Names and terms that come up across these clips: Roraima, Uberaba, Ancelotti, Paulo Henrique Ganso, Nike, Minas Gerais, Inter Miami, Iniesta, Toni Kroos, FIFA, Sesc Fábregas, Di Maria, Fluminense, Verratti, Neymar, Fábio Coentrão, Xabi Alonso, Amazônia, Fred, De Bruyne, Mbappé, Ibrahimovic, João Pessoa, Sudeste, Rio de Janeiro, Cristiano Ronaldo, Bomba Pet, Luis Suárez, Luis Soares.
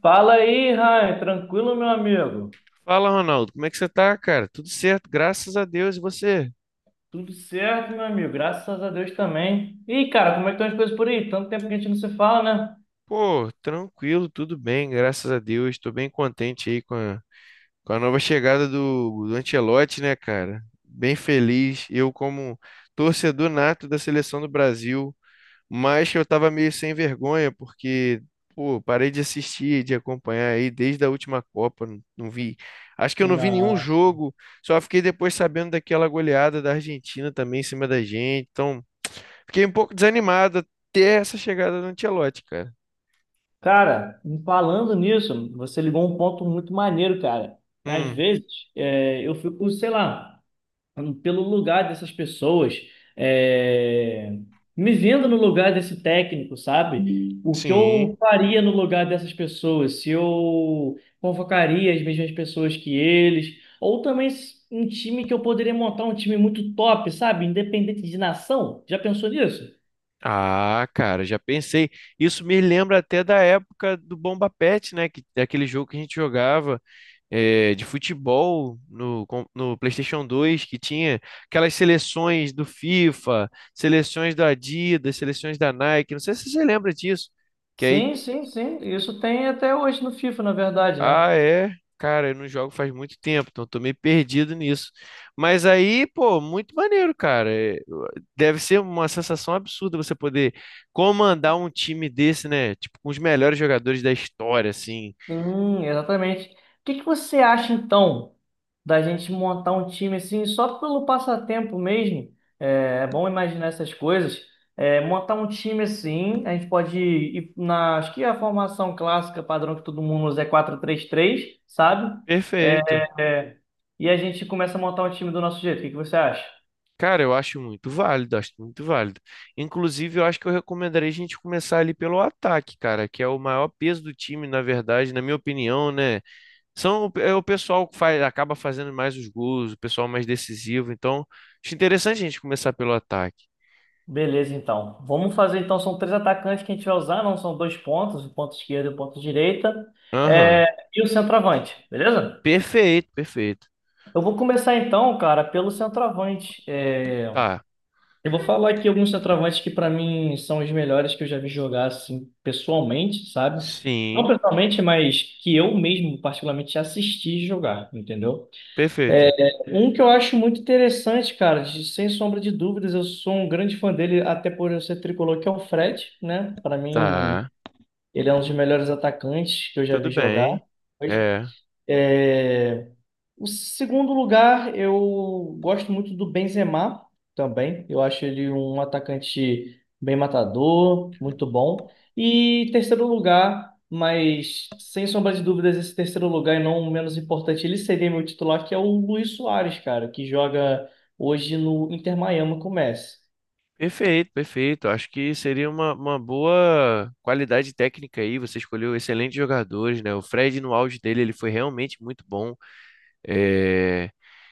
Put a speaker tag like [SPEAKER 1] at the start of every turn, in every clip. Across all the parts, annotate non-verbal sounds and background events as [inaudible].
[SPEAKER 1] Fala aí, Ryan. Tranquilo, meu amigo?
[SPEAKER 2] Fala, Ronaldo, como é que você tá, cara? Tudo certo, graças a Deus. E você?
[SPEAKER 1] Tudo certo, meu amigo. Graças a Deus também. E, cara, como é que estão as coisas por aí? Tanto tempo que a gente não se fala, né?
[SPEAKER 2] Pô, tranquilo, tudo bem, graças a Deus. Tô bem contente aí com a nova chegada do Ancelotti, né, cara? Bem feliz. Eu, como torcedor nato da seleção do Brasil, mas eu tava meio sem vergonha, porque, pô, parei de assistir, de acompanhar aí desde a última Copa. Não vi. Acho que eu não vi nenhum
[SPEAKER 1] Nossa.
[SPEAKER 2] jogo, só fiquei depois sabendo daquela goleada da Argentina também em cima da gente. Então. Fiquei um pouco desanimado até essa chegada do Ancelotti, cara.
[SPEAKER 1] Cara, falando nisso, você ligou um ponto muito maneiro, cara. Às
[SPEAKER 2] Hum,
[SPEAKER 1] vezes, eu fico, sei lá, pelo lugar dessas pessoas, é, me vendo no lugar desse técnico, sabe? O que
[SPEAKER 2] sim.
[SPEAKER 1] eu faria no lugar dessas pessoas, se eu convocaria as mesmas pessoas que eles, ou também um time que eu poderia montar um time muito top, sabe? Independente de nação. Já pensou nisso?
[SPEAKER 2] Ah, cara, já pensei. Isso me lembra até da época do Bomba Pet, né? Que, daquele jogo que a gente jogava de futebol no, no PlayStation 2, que tinha aquelas seleções do FIFA, seleções da Adidas, seleções da Nike. Não sei se você lembra disso. Que aí
[SPEAKER 1] Sim, sim, sim. Isso tem até hoje no FIFA, na verdade, né?
[SPEAKER 2] ah, é? Cara, eu não jogo faz muito tempo, então eu tô meio perdido nisso. Mas aí, pô, muito maneiro, cara. Deve ser uma sensação absurda você poder comandar um time desse, né? Tipo, com os melhores jogadores da história, assim.
[SPEAKER 1] Sim, exatamente. O que que você acha então da gente montar um time assim só pelo passatempo mesmo? É, é bom imaginar essas coisas. É, montar um time assim, a gente pode ir na, acho que é a formação clássica padrão que todo mundo usa é quatro três três, sabe?
[SPEAKER 2] Perfeito.
[SPEAKER 1] É, e a gente começa a montar um time do nosso jeito. O que que você acha?
[SPEAKER 2] Cara, eu acho muito válido, acho muito válido. Inclusive, eu acho que eu recomendaria a gente começar ali pelo ataque, cara, que é o maior peso do time, na verdade, na minha opinião, né? São, é o pessoal que faz, acaba fazendo mais os gols, o pessoal mais decisivo. Então, acho interessante a gente começar pelo ataque.
[SPEAKER 1] Beleza, então. Vamos fazer, então, são três atacantes que a gente vai usar, não são dois pontos, o ponto esquerdo e o ponto direita,
[SPEAKER 2] Aham.
[SPEAKER 1] é, e o centroavante, beleza?
[SPEAKER 2] Perfeito, perfeito.
[SPEAKER 1] Eu vou começar então, cara, pelo centroavante.
[SPEAKER 2] Tá.
[SPEAKER 1] Eu vou falar aqui alguns centroavantes que pra mim são os melhores que eu já vi jogar assim pessoalmente, sabe? Não
[SPEAKER 2] Sim,
[SPEAKER 1] pessoalmente, mas que eu mesmo particularmente assisti jogar, entendeu? É,
[SPEAKER 2] perfeito.
[SPEAKER 1] Um que eu acho muito interessante, cara, sem sombra de dúvidas, eu sou um grande fã dele, até por eu ser tricolor, que é o Fred, né? Pra mim,
[SPEAKER 2] Tá.
[SPEAKER 1] ele é um dos melhores atacantes que eu já
[SPEAKER 2] Tudo
[SPEAKER 1] vi jogar.
[SPEAKER 2] bem. É.
[SPEAKER 1] É, O segundo lugar, eu gosto muito do Benzema também. Eu acho ele um atacante bem matador, muito bom. E terceiro lugar, mas sem sombra de dúvidas, esse terceiro lugar, e não o menos importante, ele seria meu titular, que é o Luis Soares, cara, que joga hoje no Inter Miami com o Messi.
[SPEAKER 2] Perfeito, perfeito. Acho que seria uma boa qualidade técnica aí. Você escolheu excelentes jogadores, né? O Fred, no auge dele, ele foi realmente muito bom. É,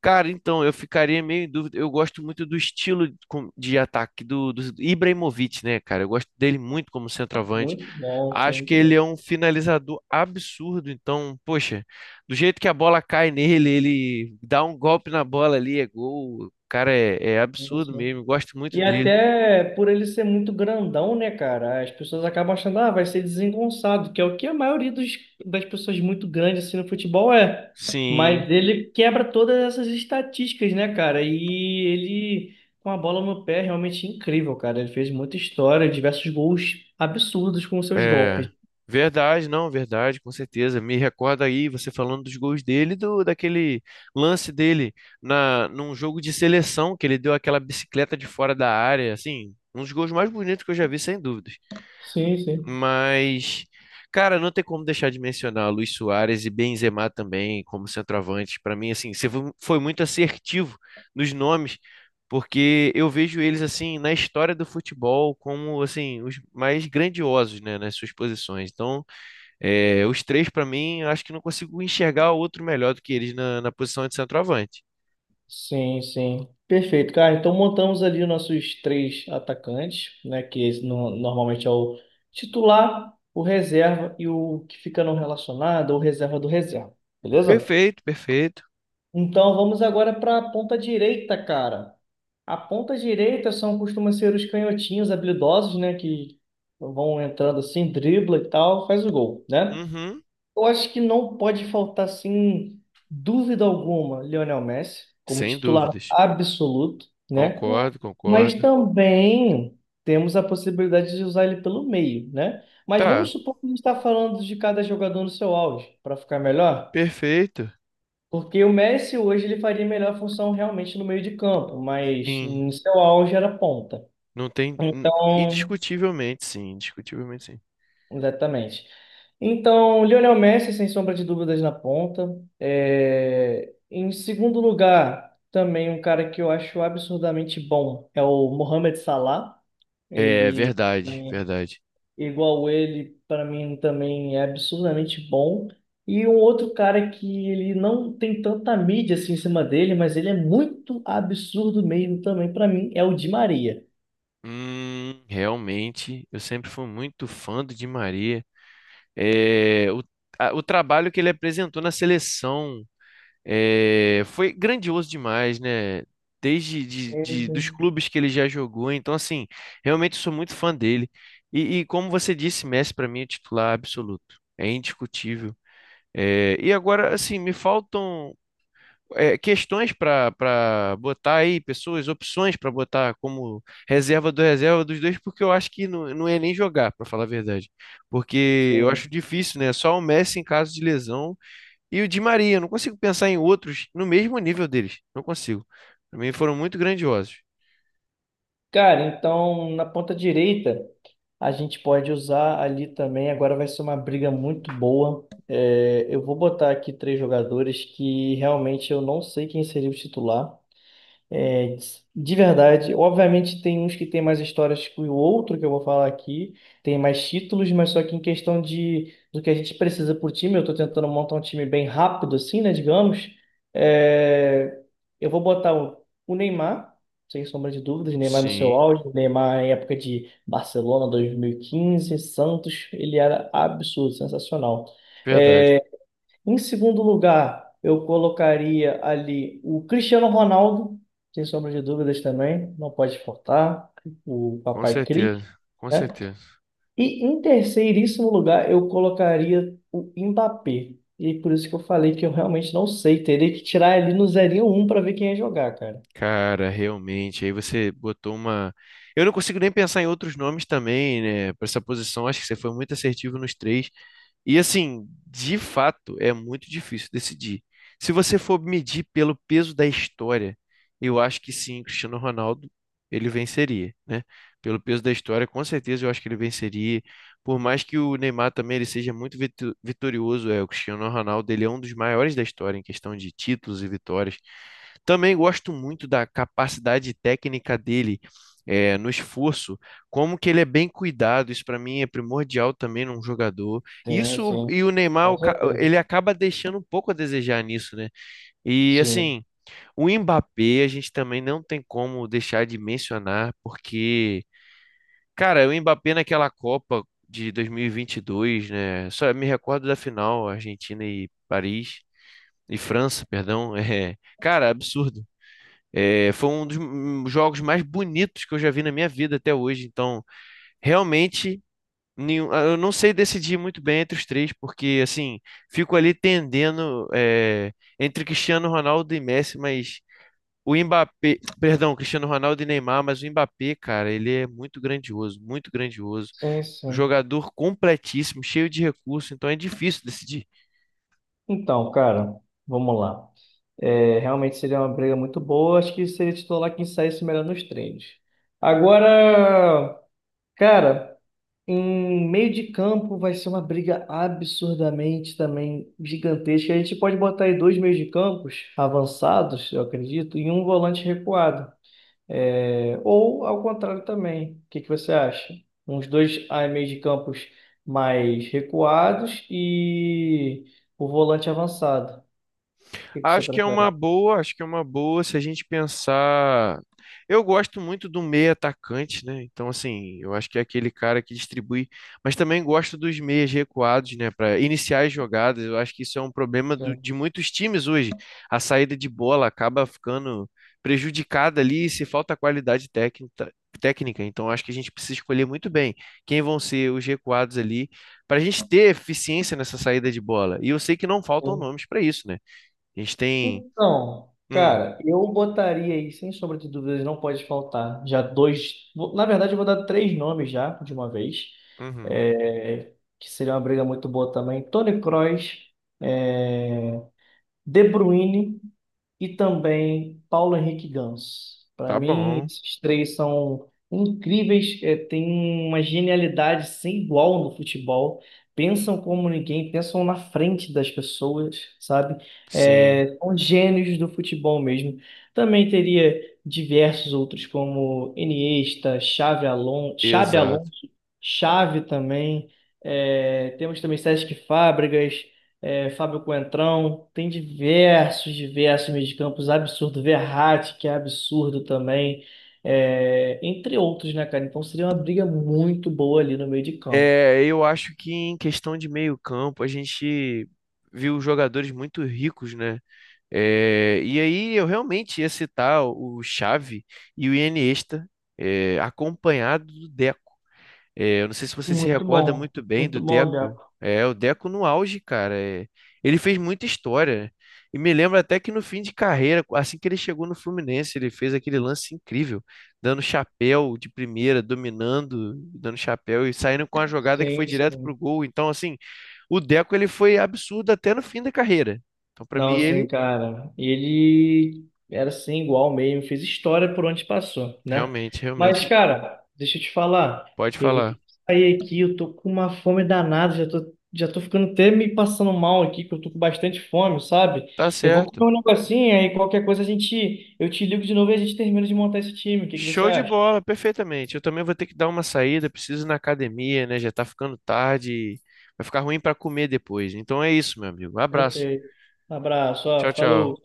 [SPEAKER 2] cara, então, eu ficaria meio em dúvida. Eu gosto muito do estilo de ataque do Ibrahimovic, né, cara? Eu gosto dele muito como centroavante.
[SPEAKER 1] Muito bom, sim,
[SPEAKER 2] Acho que
[SPEAKER 1] muito
[SPEAKER 2] ele é um finalizador absurdo. Então, poxa, do jeito que a bola cai nele, ele dá um golpe na bola ali, é gol. O cara é, é absurdo
[SPEAKER 1] bom.
[SPEAKER 2] mesmo. Eu Gosto muito
[SPEAKER 1] E
[SPEAKER 2] dele.
[SPEAKER 1] até por ele ser muito grandão, né, cara? As pessoas acabam achando, ah, vai ser desengonçado, que é o que a maioria dos, das pessoas muito grandes assim no futebol é.
[SPEAKER 2] Sim.
[SPEAKER 1] Mas ele quebra todas essas estatísticas, né, cara? E ele, com a bola no pé, é realmente incrível, cara. Ele fez muita história, diversos gols absurdos com seus
[SPEAKER 2] É,
[SPEAKER 1] golpes.
[SPEAKER 2] verdade, não, verdade, com certeza. Me recorda aí você falando dos gols dele, do daquele lance dele na num jogo de seleção que ele deu aquela bicicleta de fora da área, assim, um dos gols mais bonitos que eu já vi, sem dúvida.
[SPEAKER 1] Sim, sim.
[SPEAKER 2] Mas, cara, não tem como deixar de mencionar Luis Suárez e Benzema também como centroavante. Para mim, assim, você foi muito assertivo nos nomes, porque eu vejo eles assim na história do futebol como assim os mais grandiosos, né, nas suas posições. Então, é, os três para mim, eu acho que não consigo enxergar outro melhor do que eles na, na posição de centroavante.
[SPEAKER 1] Sim, sim. Perfeito, cara. Então montamos ali os nossos três atacantes, né? Que esse normalmente é o titular, o reserva e o que fica não relacionado, ou reserva do reserva. Beleza?
[SPEAKER 2] Perfeito, perfeito.
[SPEAKER 1] Então vamos agora para a ponta direita, cara. A ponta direita são costuma ser os canhotinhos habilidosos, né? Que vão entrando assim, dribla e tal, faz o gol, né?
[SPEAKER 2] Uhum,
[SPEAKER 1] Eu acho que não pode faltar, sem dúvida alguma, Lionel Messi, como
[SPEAKER 2] sem
[SPEAKER 1] titular
[SPEAKER 2] dúvidas.
[SPEAKER 1] absoluto, né?
[SPEAKER 2] Concordo,
[SPEAKER 1] Mas
[SPEAKER 2] concordo.
[SPEAKER 1] também temos a possibilidade de usar ele pelo meio, né? Mas vamos
[SPEAKER 2] Tá,
[SPEAKER 1] supor que a gente está falando de cada jogador no seu auge, para ficar melhor.
[SPEAKER 2] perfeito.
[SPEAKER 1] Porque o Messi hoje ele faria melhor função realmente no meio de campo, mas
[SPEAKER 2] Sim.
[SPEAKER 1] no seu auge era ponta.
[SPEAKER 2] Não tem.
[SPEAKER 1] Então,
[SPEAKER 2] Indiscutivelmente, sim. Indiscutivelmente, sim.
[SPEAKER 1] exatamente. Então, Lionel Messi, sem sombra de dúvidas, na ponta. Em segundo lugar, também um cara que eu acho absurdamente bom é o Mohamed Salah.
[SPEAKER 2] É
[SPEAKER 1] Ele, pra
[SPEAKER 2] verdade,
[SPEAKER 1] mim,
[SPEAKER 2] verdade.
[SPEAKER 1] igual ele, para mim também é absurdamente bom. E um outro cara que ele não tem tanta mídia assim em cima dele, mas ele é muito absurdo mesmo também para mim, é o Di Maria.
[SPEAKER 2] Realmente, eu sempre fui muito fã do Di Maria. É, o, o trabalho que ele apresentou na seleção é, foi grandioso demais, né? Desde de,
[SPEAKER 1] Sim,
[SPEAKER 2] de- dos
[SPEAKER 1] sim.
[SPEAKER 2] clubes que ele já jogou. Então, assim, realmente sou muito fã dele. E como você disse, Messi para mim é titular absoluto. É indiscutível. É, e agora, assim, me faltam. É, questões para botar aí, pessoas, opções para botar como reserva do reserva dos dois, porque eu acho que não é nem jogar, para falar a verdade. Porque eu acho
[SPEAKER 1] Sim.
[SPEAKER 2] difícil, né? Só o Messi em caso de lesão e o Di Maria. Eu não consigo pensar em outros no mesmo nível deles. Não consigo. Para mim foram muito grandiosos.
[SPEAKER 1] Cara, então na ponta direita, a gente pode usar ali também. Agora vai ser uma briga muito boa. É, eu vou botar aqui três jogadores que realmente eu não sei quem seria o titular. É, de verdade, obviamente tem uns que tem mais histórias que o outro que eu vou falar aqui, tem mais títulos, mas só que em questão de do que a gente precisa por time, eu tô tentando montar um time bem rápido assim, né, digamos. É, eu vou botar o Neymar, sem sombra de dúvidas, Neymar no seu
[SPEAKER 2] Sim,
[SPEAKER 1] auge, Neymar em época de Barcelona 2015, Santos, ele era absurdo, sensacional.
[SPEAKER 2] verdade.
[SPEAKER 1] É, em segundo lugar, eu colocaria ali o Cristiano Ronaldo, sem sombra de dúvidas também, não pode faltar, o
[SPEAKER 2] Com
[SPEAKER 1] Papai Cris,
[SPEAKER 2] certeza, com
[SPEAKER 1] né?
[SPEAKER 2] certeza.
[SPEAKER 1] E em terceiríssimo lugar, eu colocaria o Mbappé. E é por isso que eu falei que eu realmente não sei, teria que tirar ali no zerinho um para ver quem ia jogar, cara.
[SPEAKER 2] Cara, realmente, aí você botou uma. Eu não consigo nem pensar em outros nomes também, né? Para essa posição, acho que você foi muito assertivo nos três. E assim, de fato, é muito difícil decidir. Se você for medir pelo peso da história, eu acho que sim, Cristiano Ronaldo, ele venceria, né? Pelo peso da história, com certeza eu acho que ele venceria. Por mais que o Neymar também ele seja muito vitorioso, é, o Cristiano Ronaldo, ele é um dos maiores da história em questão de títulos e vitórias. Também gosto muito da capacidade técnica dele, no esforço, como que ele é bem cuidado. Isso para mim é primordial também num jogador.
[SPEAKER 1] Sim,
[SPEAKER 2] Isso
[SPEAKER 1] sim,
[SPEAKER 2] e o Neymar,
[SPEAKER 1] com certeza.
[SPEAKER 2] ele acaba deixando um pouco a desejar nisso, né? E
[SPEAKER 1] Sim,
[SPEAKER 2] assim, o Mbappé a gente também não tem como deixar de mencionar, porque, cara, o Mbappé naquela Copa de 2022, né? Só me recordo da final, Argentina e Paris. E França, perdão, [laughs] é, cara, absurdo. É, foi um dos jogos mais bonitos que eu já vi na minha vida até hoje. Então, realmente, ah, eu não sei decidir muito bem entre os três, porque assim, fico ali tendendo é, entre Cristiano Ronaldo e Messi, mas o Mbappé, [tsk] perdão, Cristiano Ronaldo e Neymar, mas o Mbappé, cara, ele é muito grandioso, muito grandioso.
[SPEAKER 1] sim, sim.
[SPEAKER 2] Jogador completíssimo, cheio de recurso, então é difícil decidir.
[SPEAKER 1] Então, cara, vamos lá. É, realmente seria uma briga muito boa. Acho que seria titular quem saísse melhor nos treinos. Agora, cara, em meio de campo vai ser uma briga absurdamente também gigantesca. A gente pode botar aí dois meios de campos avançados, eu acredito, e um volante recuado. É, ou ao contrário também. O que que você acha? Uns dois meios de campos mais recuados e o volante avançado. O que que você
[SPEAKER 2] Acho que é uma
[SPEAKER 1] prefere?
[SPEAKER 2] boa, acho que é uma boa se a gente pensar. Eu gosto muito do meia atacante, né? Então, assim, eu acho que é aquele cara que distribui, mas também gosto dos meias recuados, né? Para iniciar as jogadas. Eu acho que isso é um problema de muitos times hoje. A saída de bola acaba ficando prejudicada ali se falta qualidade técnica. Técnica, então acho que a gente precisa escolher muito bem quem vão ser os recuados ali para a gente ter eficiência nessa saída de bola. E eu sei que não faltam nomes para isso, né? A gente tem.
[SPEAKER 1] Então,
[SPEAKER 2] Hum,
[SPEAKER 1] cara, eu botaria aí, sem sombra de dúvidas, não pode faltar. Já dois. Na verdade, eu vou dar três nomes já, de uma vez.
[SPEAKER 2] uhum.
[SPEAKER 1] É, que seria uma briga muito boa também. Toni Kroos, é, De Bruyne e também Paulo Henrique Ganso. Para
[SPEAKER 2] Tá
[SPEAKER 1] mim,
[SPEAKER 2] bom.
[SPEAKER 1] esses três são incríveis, têm uma genialidade sem igual no futebol. Pensam como ninguém, pensam na frente das pessoas, sabe?
[SPEAKER 2] Sim,
[SPEAKER 1] É, são gênios do futebol mesmo. Também teria diversos outros, como Iniesta, Xavi Alonso, Xabi
[SPEAKER 2] exato.
[SPEAKER 1] Alonso, Xavi também. É, temos também Sesc Fábregas, Fábio Coentrão, tem diversos, diversos mediacampos absurdo Verratti, que é absurdo também, entre outros, né, cara? Então seria uma briga muito boa ali no meio de campo.
[SPEAKER 2] É, eu acho que em questão de meio campo a gente viu jogadores muito ricos, né? É, e aí eu realmente ia citar o Xavi e o Iniesta, é, acompanhado do Deco. É, eu não sei se você se recorda muito bem
[SPEAKER 1] Muito
[SPEAKER 2] do
[SPEAKER 1] bom,
[SPEAKER 2] Deco.
[SPEAKER 1] Deco.
[SPEAKER 2] É, o Deco no auge, cara. É, ele fez muita história, né? E me lembro até que no fim de carreira, assim que ele chegou no Fluminense, ele fez aquele lance incrível, dando chapéu de primeira, dominando, dando chapéu e saindo com a jogada que foi
[SPEAKER 1] Sim,
[SPEAKER 2] direto pro
[SPEAKER 1] sim.
[SPEAKER 2] gol. Então, assim, o Deco ele foi absurdo até no fim da carreira. Então, pra mim,
[SPEAKER 1] Não, sim,
[SPEAKER 2] ele
[SPEAKER 1] cara. Ele era assim, igual mesmo, fez história por onde passou, né?
[SPEAKER 2] realmente, realmente
[SPEAKER 1] Mas, cara, deixa eu te falar,
[SPEAKER 2] pode
[SPEAKER 1] eu vou ter
[SPEAKER 2] falar.
[SPEAKER 1] que sair aqui, eu tô com uma fome danada, já tô ficando até me passando mal aqui, que eu tô com bastante fome, sabe?
[SPEAKER 2] Tá
[SPEAKER 1] Eu vou
[SPEAKER 2] certo.
[SPEAKER 1] comer um negocinho, aí qualquer coisa a gente, eu te ligo de novo e a gente termina de montar esse time. O que que você
[SPEAKER 2] Show de
[SPEAKER 1] acha?
[SPEAKER 2] bola, perfeitamente. Eu também vou ter que dar uma saída, preciso ir na academia, né? Já tá ficando tarde, vai ficar ruim para comer depois. Então é isso, meu amigo. Abraço.
[SPEAKER 1] Perfeito. Um abraço, ó,
[SPEAKER 2] Tchau, tchau.
[SPEAKER 1] falou.